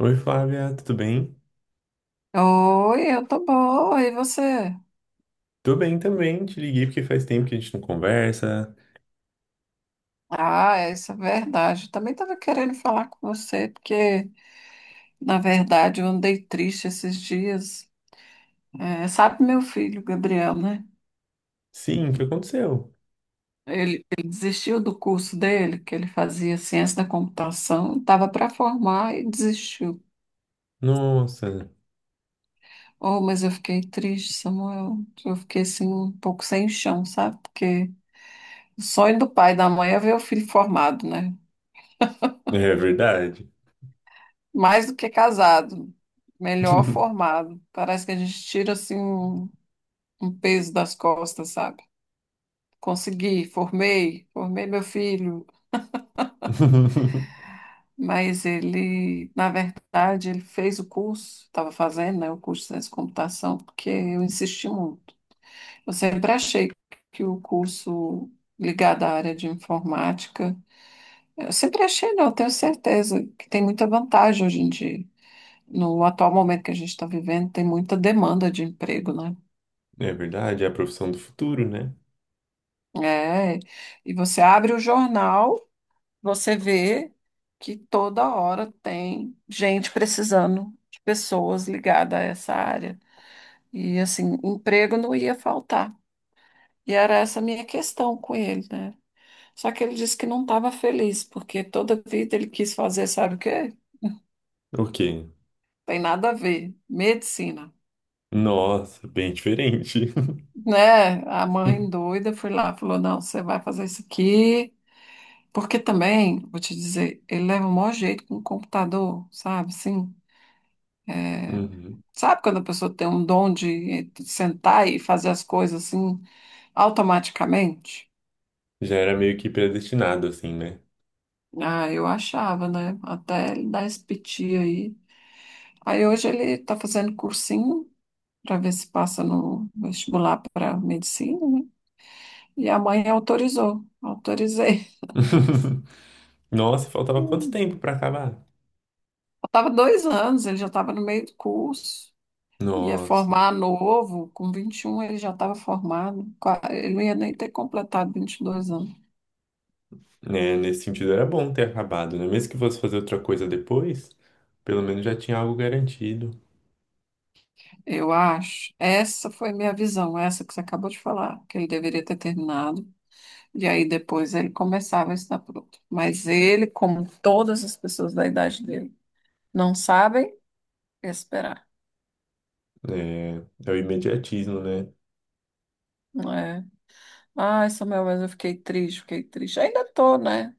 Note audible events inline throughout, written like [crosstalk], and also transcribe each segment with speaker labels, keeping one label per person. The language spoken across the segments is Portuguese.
Speaker 1: Oi, Flávia, tudo bem?
Speaker 2: Oi, eu tô boa, e você?
Speaker 1: Tô bem também, te liguei porque faz tempo que a gente não conversa.
Speaker 2: Ah, isso é verdade. Eu também estava querendo falar com você, porque, na verdade, eu andei triste esses dias. É, sabe meu filho, Gabriel, né?
Speaker 1: Sim, o que aconteceu?
Speaker 2: Ele desistiu do curso dele, que ele fazia ciência da computação, estava para formar e desistiu.
Speaker 1: Nossa,
Speaker 2: Oh, mas eu fiquei triste, Samuel. Eu fiquei, assim, um pouco sem chão, sabe? Porque o sonho do pai e da mãe é ver o filho formado, né?
Speaker 1: é verdade.
Speaker 2: Mais do que casado, melhor formado. Parece que a gente tira assim um peso das costas, sabe? Consegui, formei, formei meu filho,
Speaker 1: [laughs]
Speaker 2: mas ele, na verdade, ele fez o curso, estava fazendo, né, o curso de ciência da computação, porque eu insisti muito. Eu sempre achei que o curso ligado à área de informática, eu sempre achei, não, eu tenho certeza que tem muita vantagem hoje em dia. No atual momento que a gente está vivendo, tem muita demanda de emprego, né?
Speaker 1: É verdade, é a profissão do futuro, né?
Speaker 2: É, e você abre o jornal, você vê que toda hora tem gente precisando de pessoas ligadas a essa área. E assim, emprego não ia faltar. E era essa a minha questão com ele, né? Só que ele disse que não estava feliz, porque toda vida ele quis fazer, sabe o quê?
Speaker 1: O quê?
Speaker 2: Tem nada a ver, medicina.
Speaker 1: Nossa, bem diferente.
Speaker 2: Né? A mãe
Speaker 1: [laughs]
Speaker 2: doida foi lá, falou: não, você vai fazer isso aqui. Porque também, vou te dizer, ele leva o maior jeito com o computador, sabe? Assim,
Speaker 1: Uhum.
Speaker 2: sabe quando a pessoa tem um dom de sentar e fazer as coisas assim automaticamente?
Speaker 1: Já era meio que predestinado, assim, né?
Speaker 2: Ah, eu achava, né? Até ele dar esse piti aí. Aí hoje ele tá fazendo cursinho para ver se passa no vestibular para medicina, né? E a mãe autorizou, autorizei. [laughs]
Speaker 1: [laughs] Nossa, faltava quanto
Speaker 2: Hum.
Speaker 1: tempo pra acabar?
Speaker 2: Eu tava 2 anos, ele já estava no meio do curso. Ia
Speaker 1: Nossa,
Speaker 2: formar novo, com 21 ele já estava formado, ele não ia nem ter completado 22 anos,
Speaker 1: né? Nesse sentido era bom ter acabado, né? Mesmo que fosse fazer outra coisa depois, pelo menos já tinha algo garantido.
Speaker 2: eu acho. Essa foi minha visão, essa que você acabou de falar, que ele deveria ter terminado, e aí depois ele começava a ensinar para outro. Mas ele, como todas as pessoas da idade dele, não sabem esperar,
Speaker 1: É, é o imediatismo, né?
Speaker 2: não é? Ai, Samuel, mas eu fiquei triste, fiquei triste. Ainda tô, né?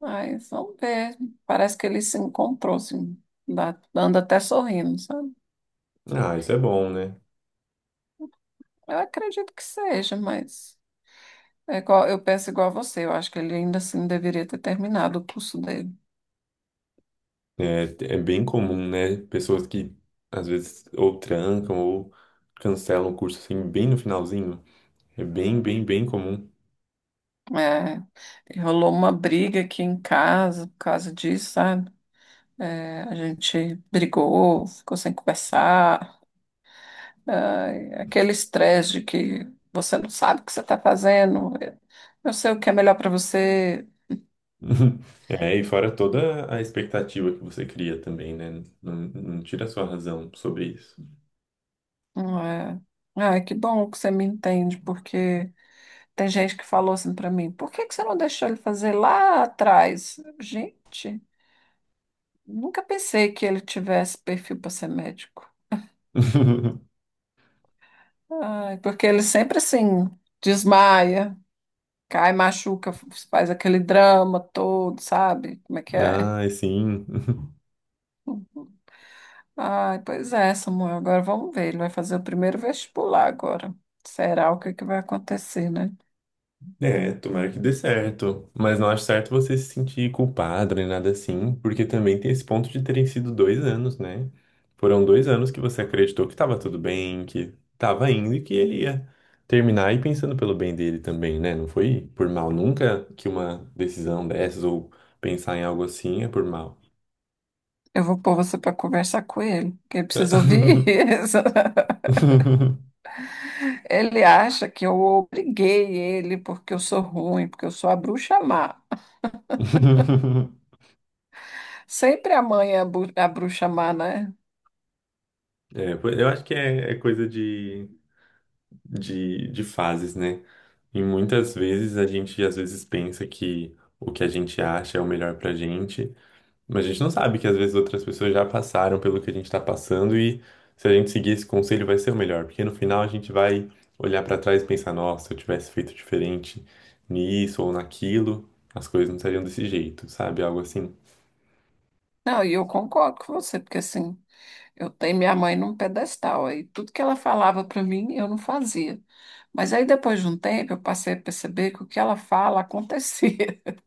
Speaker 2: Mas vamos ver, parece que ele se encontrou, assim, anda até sorrindo, sabe?
Speaker 1: Ah, isso é bom, né?
Speaker 2: Eu acredito que seja, mas é igual, eu penso igual a você. Eu acho que ele ainda assim deveria ter terminado o curso dele.
Speaker 1: É, é bem comum, né? Pessoas que às vezes ou trancam ou cancelam o curso assim bem no finalzinho. É bem, bem, bem comum.
Speaker 2: É, e rolou uma briga aqui em casa por causa disso, sabe? É, a gente brigou, ficou sem conversar. É, aquele estresse de que você não sabe o que você está fazendo. Eu sei o que é melhor para você.
Speaker 1: [laughs] É, e fora toda a expectativa que você cria também, né? Não, não tira a sua razão sobre isso.
Speaker 2: Não. É, ai, que bom que você me entende, porque. Tem gente que falou assim para mim, por que que você não deixou ele fazer lá atrás? Gente, nunca pensei que ele tivesse perfil para ser médico.
Speaker 1: [laughs]
Speaker 2: Ai, porque ele sempre assim desmaia, cai, machuca, faz aquele drama todo, sabe? Como é que é?
Speaker 1: Ai, sim. [laughs]
Speaker 2: Ai, pois é, Samuel. Agora vamos ver. Ele vai fazer o primeiro vestibular agora. Será o que que vai acontecer, né?
Speaker 1: É, tomara que dê certo. Mas não acho certo você se sentir culpado nem nada assim, porque também tem esse ponto de terem sido 2 anos, né? Foram 2 anos que você acreditou que tava tudo bem, que tava indo e que ele ia terminar e pensando pelo bem dele também, né? Não foi por mal nunca que uma decisão dessas ou pensar em algo assim é por mal.
Speaker 2: Eu vou pôr você para conversar com ele, porque ele precisa ouvir [laughs] isso.
Speaker 1: [laughs]
Speaker 2: Ele acha que eu obriguei ele porque eu sou ruim, porque eu sou a bruxa má. Sempre a mãe é a, a bruxa má, né?
Speaker 1: É, pois eu acho que é, é coisa de fases, né? E muitas vezes a gente às vezes pensa que o que a gente acha é o melhor pra gente, mas a gente não sabe que às vezes outras pessoas já passaram pelo que a gente tá passando e se a gente seguir esse conselho vai ser o melhor, porque no final a gente vai olhar pra trás e pensar, nossa, se eu tivesse feito diferente nisso ou naquilo, as coisas não seriam desse jeito, sabe? Algo assim.
Speaker 2: Não, e eu concordo com você, porque assim, eu tenho minha mãe num pedestal, aí tudo que ela falava para mim, eu não fazia. Mas aí depois de um tempo, eu passei a perceber que o que ela fala acontecia.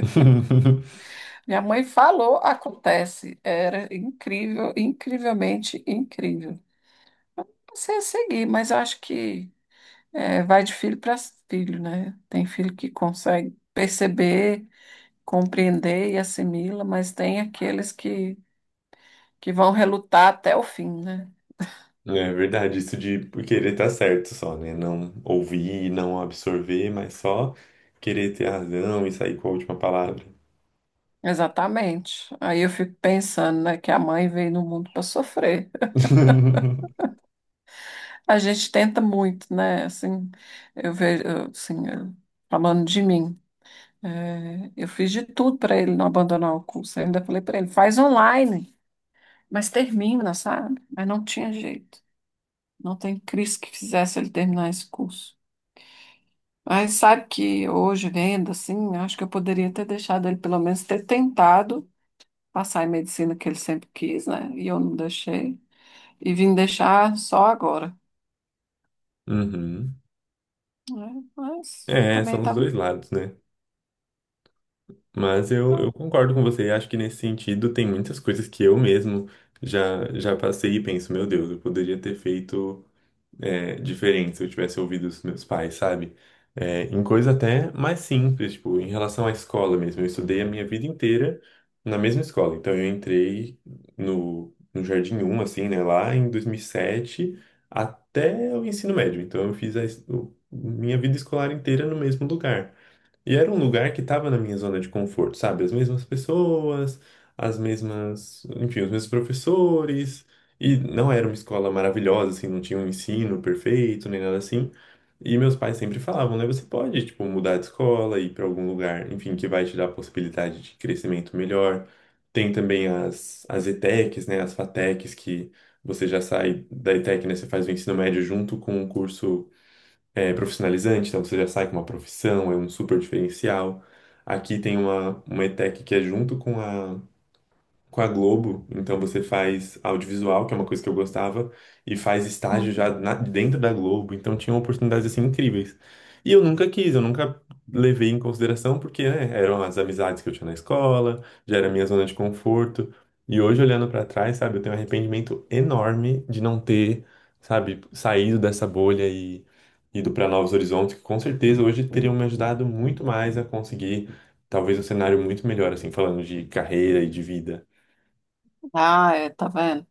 Speaker 1: [laughs]
Speaker 2: [laughs] Minha mãe falou, acontece. Era incrível, incrivelmente incrível. Passei a seguir, mas eu acho que é, vai de filho para filho, né? Tem filho que consegue perceber, compreender e assimila, mas tem aqueles que vão relutar até o fim, né?
Speaker 1: É verdade, isso de querer estar certo só, né? Não ouvir, não absorver, mas só querer ter razão e sair com a última palavra.
Speaker 2: Exatamente. Aí eu fico pensando, né, que a mãe veio no mundo para sofrer.
Speaker 1: [laughs]
Speaker 2: A gente tenta muito, né? Assim, eu vejo, eu, assim, falando de mim, é, eu fiz de tudo para ele não abandonar o curso. Eu ainda falei para ele, faz online, mas termina, sabe? Mas não tinha jeito. Não tem Cris que fizesse ele terminar esse curso. Mas sabe que hoje, vendo assim, acho que eu poderia ter deixado ele pelo menos ter tentado passar em medicina que ele sempre quis, né? E eu não deixei. E vim deixar só agora.
Speaker 1: Uhum.
Speaker 2: Né? Mas
Speaker 1: É,
Speaker 2: também
Speaker 1: são os
Speaker 2: tá.
Speaker 1: dois lados, né? Mas eu concordo com você. Acho que nesse sentido tem muitas coisas que eu mesmo já passei e penso, meu Deus, eu poderia ter feito. É diferente se eu tivesse ouvido os meus pais, sabe? É, em coisa até mais simples, tipo, em relação à escola mesmo. Eu estudei a minha vida inteira na mesma escola. Então, eu entrei no Jardim 1, assim, né, lá em 2007 até o ensino médio. Então, eu fiz minha vida escolar inteira no mesmo lugar. E era um lugar que estava na minha zona de conforto, sabe? As mesmas pessoas, as mesmas, enfim, os mesmos professores. E não era uma escola maravilhosa, assim, não tinha um ensino perfeito, nem nada assim. E meus pais sempre falavam, né? Você pode, tipo, mudar de escola, ir para algum lugar, enfim, que vai te dar a possibilidade de crescimento melhor. Tem também as ETECs, né? As FATECs, que você já sai da ETEC, né? Você faz o ensino médio junto com o curso é, profissionalizante, então você já sai com uma profissão, é um super diferencial. Aqui tem uma ETEC que é junto com a Globo, então você faz audiovisual, que é uma coisa que eu gostava, e faz estágio
Speaker 2: Hum.
Speaker 1: dentro da Globo, então tinha oportunidades assim incríveis. E eu nunca quis, eu nunca levei em consideração porque, né, eram as amizades que eu tinha na escola, já era a minha zona de conforto. E hoje olhando pra trás, sabe, eu tenho um arrependimento enorme de não ter, sabe, saído dessa bolha e ido para novos horizontes, que com certeza hoje teriam me ajudado muito mais a conseguir talvez um cenário muito melhor assim, falando de carreira e de vida.
Speaker 2: Ah, é, tá vendo?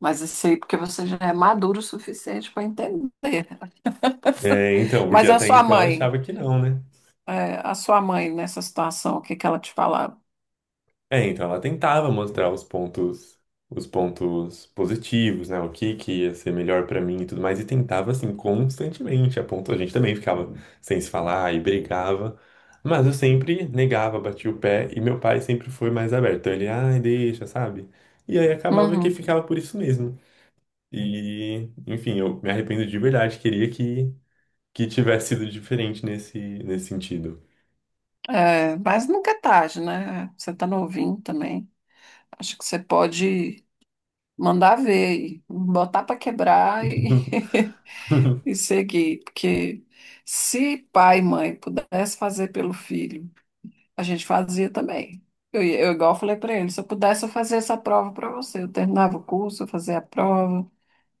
Speaker 2: Mas isso aí porque você já é maduro o suficiente para entender. [laughs]
Speaker 1: É, então, porque
Speaker 2: Mas a
Speaker 1: até
Speaker 2: sua
Speaker 1: então eu
Speaker 2: mãe,
Speaker 1: achava que não, né?
Speaker 2: é, a sua mãe nessa situação, o que que ela te falava?
Speaker 1: É, então ela tentava mostrar os pontos positivos, né? O que que ia ser melhor pra mim e tudo mais, e tentava assim constantemente, a ponto a gente também ficava sem se falar e brigava, mas eu sempre negava, batia o pé e meu pai sempre foi mais aberto. Então ele, ai, deixa, sabe? E aí acabava que
Speaker 2: Uhum.
Speaker 1: ficava por isso mesmo. E, enfim, eu me arrependo de verdade, queria que tivesse sido diferente nesse sentido.
Speaker 2: É, mas nunca é tarde, né? Você tá novinho também. Acho que você pode mandar ver e botar para quebrar
Speaker 1: [laughs]
Speaker 2: [laughs] e seguir. Porque se pai e mãe pudesse fazer pelo filho, a gente fazia também. Eu igual falei para ele, se eu pudesse eu fazia essa prova para você. Eu terminava o curso, eu fazia a prova.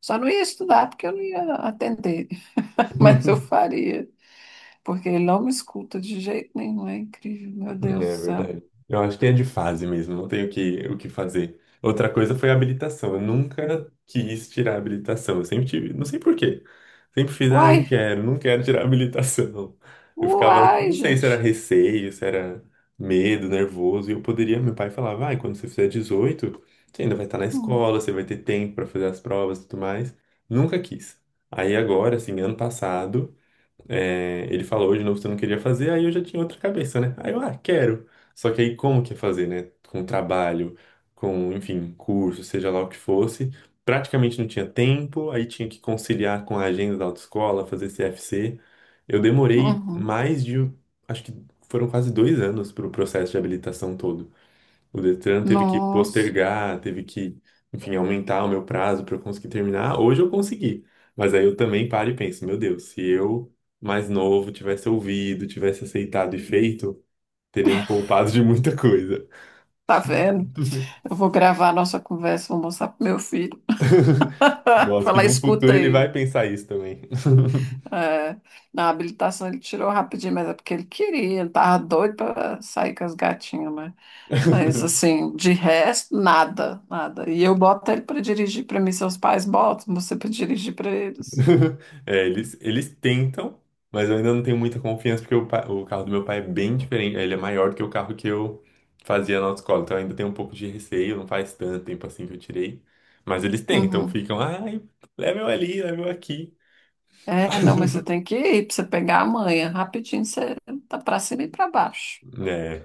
Speaker 2: Só não ia estudar porque eu não ia atender, [laughs] mas eu
Speaker 1: [laughs]
Speaker 2: faria, porque ele não me escuta de jeito nenhum, é incrível, meu Deus do
Speaker 1: É
Speaker 2: céu.
Speaker 1: verdade. Eu acho que é de fase mesmo, não tenho o que fazer. Outra coisa foi a habilitação. Eu nunca quis tirar a habilitação. Eu sempre tive, não sei por quê. Sempre fiz, ah, eu não
Speaker 2: Uai,
Speaker 1: quero, não quero tirar a habilitação. Eu ficava,
Speaker 2: uai,
Speaker 1: não sei se era
Speaker 2: gente.
Speaker 1: receio, se era medo, nervoso. E eu poderia, meu pai falava, vai, quando você fizer 18, você ainda vai estar na
Speaker 2: Hum,
Speaker 1: escola, você vai ter tempo para fazer as provas e tudo mais. Nunca quis. Aí agora, assim, ano passado. É, ele falou, hoje de novo você não queria fazer, aí eu já tinha outra cabeça, né? Aí eu, ah, quero. Só que aí como que é fazer, né? Com trabalho, com, enfim, curso, seja lá o que fosse. Praticamente não tinha tempo, aí tinha que conciliar com a agenda da autoescola, fazer CFC. Eu demorei
Speaker 2: uhum.
Speaker 1: mais de, acho que foram quase 2 anos para o processo de habilitação todo. O Detran teve que
Speaker 2: Nossa,
Speaker 1: postergar, teve que, enfim, aumentar o meu prazo para eu conseguir terminar. Hoje eu consegui, mas aí eu também paro e penso, meu Deus, se eu mais novo tivesse ouvido, tivesse aceitado e feito, teria me poupado de muita coisa.
Speaker 2: tá vendo?
Speaker 1: [laughs]
Speaker 2: Eu vou gravar a nossa conversa, vou mostrar pro meu filho. [laughs]
Speaker 1: Gosto que
Speaker 2: Falar,
Speaker 1: num
Speaker 2: escuta
Speaker 1: futuro ele vai
Speaker 2: aí.
Speaker 1: pensar isso também. [laughs]
Speaker 2: É, na habilitação ele tirou rapidinho, mas é porque ele queria, ele tava doido para sair com as gatinhas, né? Mas assim, de resto, nada, nada. E eu boto ele para dirigir para mim, seus pais botam você para dirigir para eles.
Speaker 1: [laughs] É, eles tentam, mas eu ainda não tenho muita confiança porque o carro do meu pai é bem diferente. Ele é maior do que o carro que eu fazia na autoescola. Então eu ainda tenho um pouco de receio, não faz tanto tempo assim que eu tirei. Mas eles tentam,
Speaker 2: Uhum.
Speaker 1: ficam, ai, leva eu ali, leva eu aqui.
Speaker 2: É, não, mas você tem que ir para você pegar a manha, rapidinho você tá para cima e para baixo.
Speaker 1: É.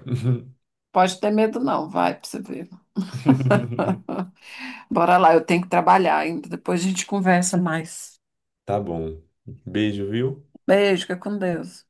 Speaker 2: Pode ter medo, não. Vai pra você ver.
Speaker 1: [laughs]
Speaker 2: [laughs] Bora lá, eu tenho que trabalhar ainda. Depois a gente conversa mais.
Speaker 1: Tá bom. Beijo, viu?
Speaker 2: Beijo, fica com Deus.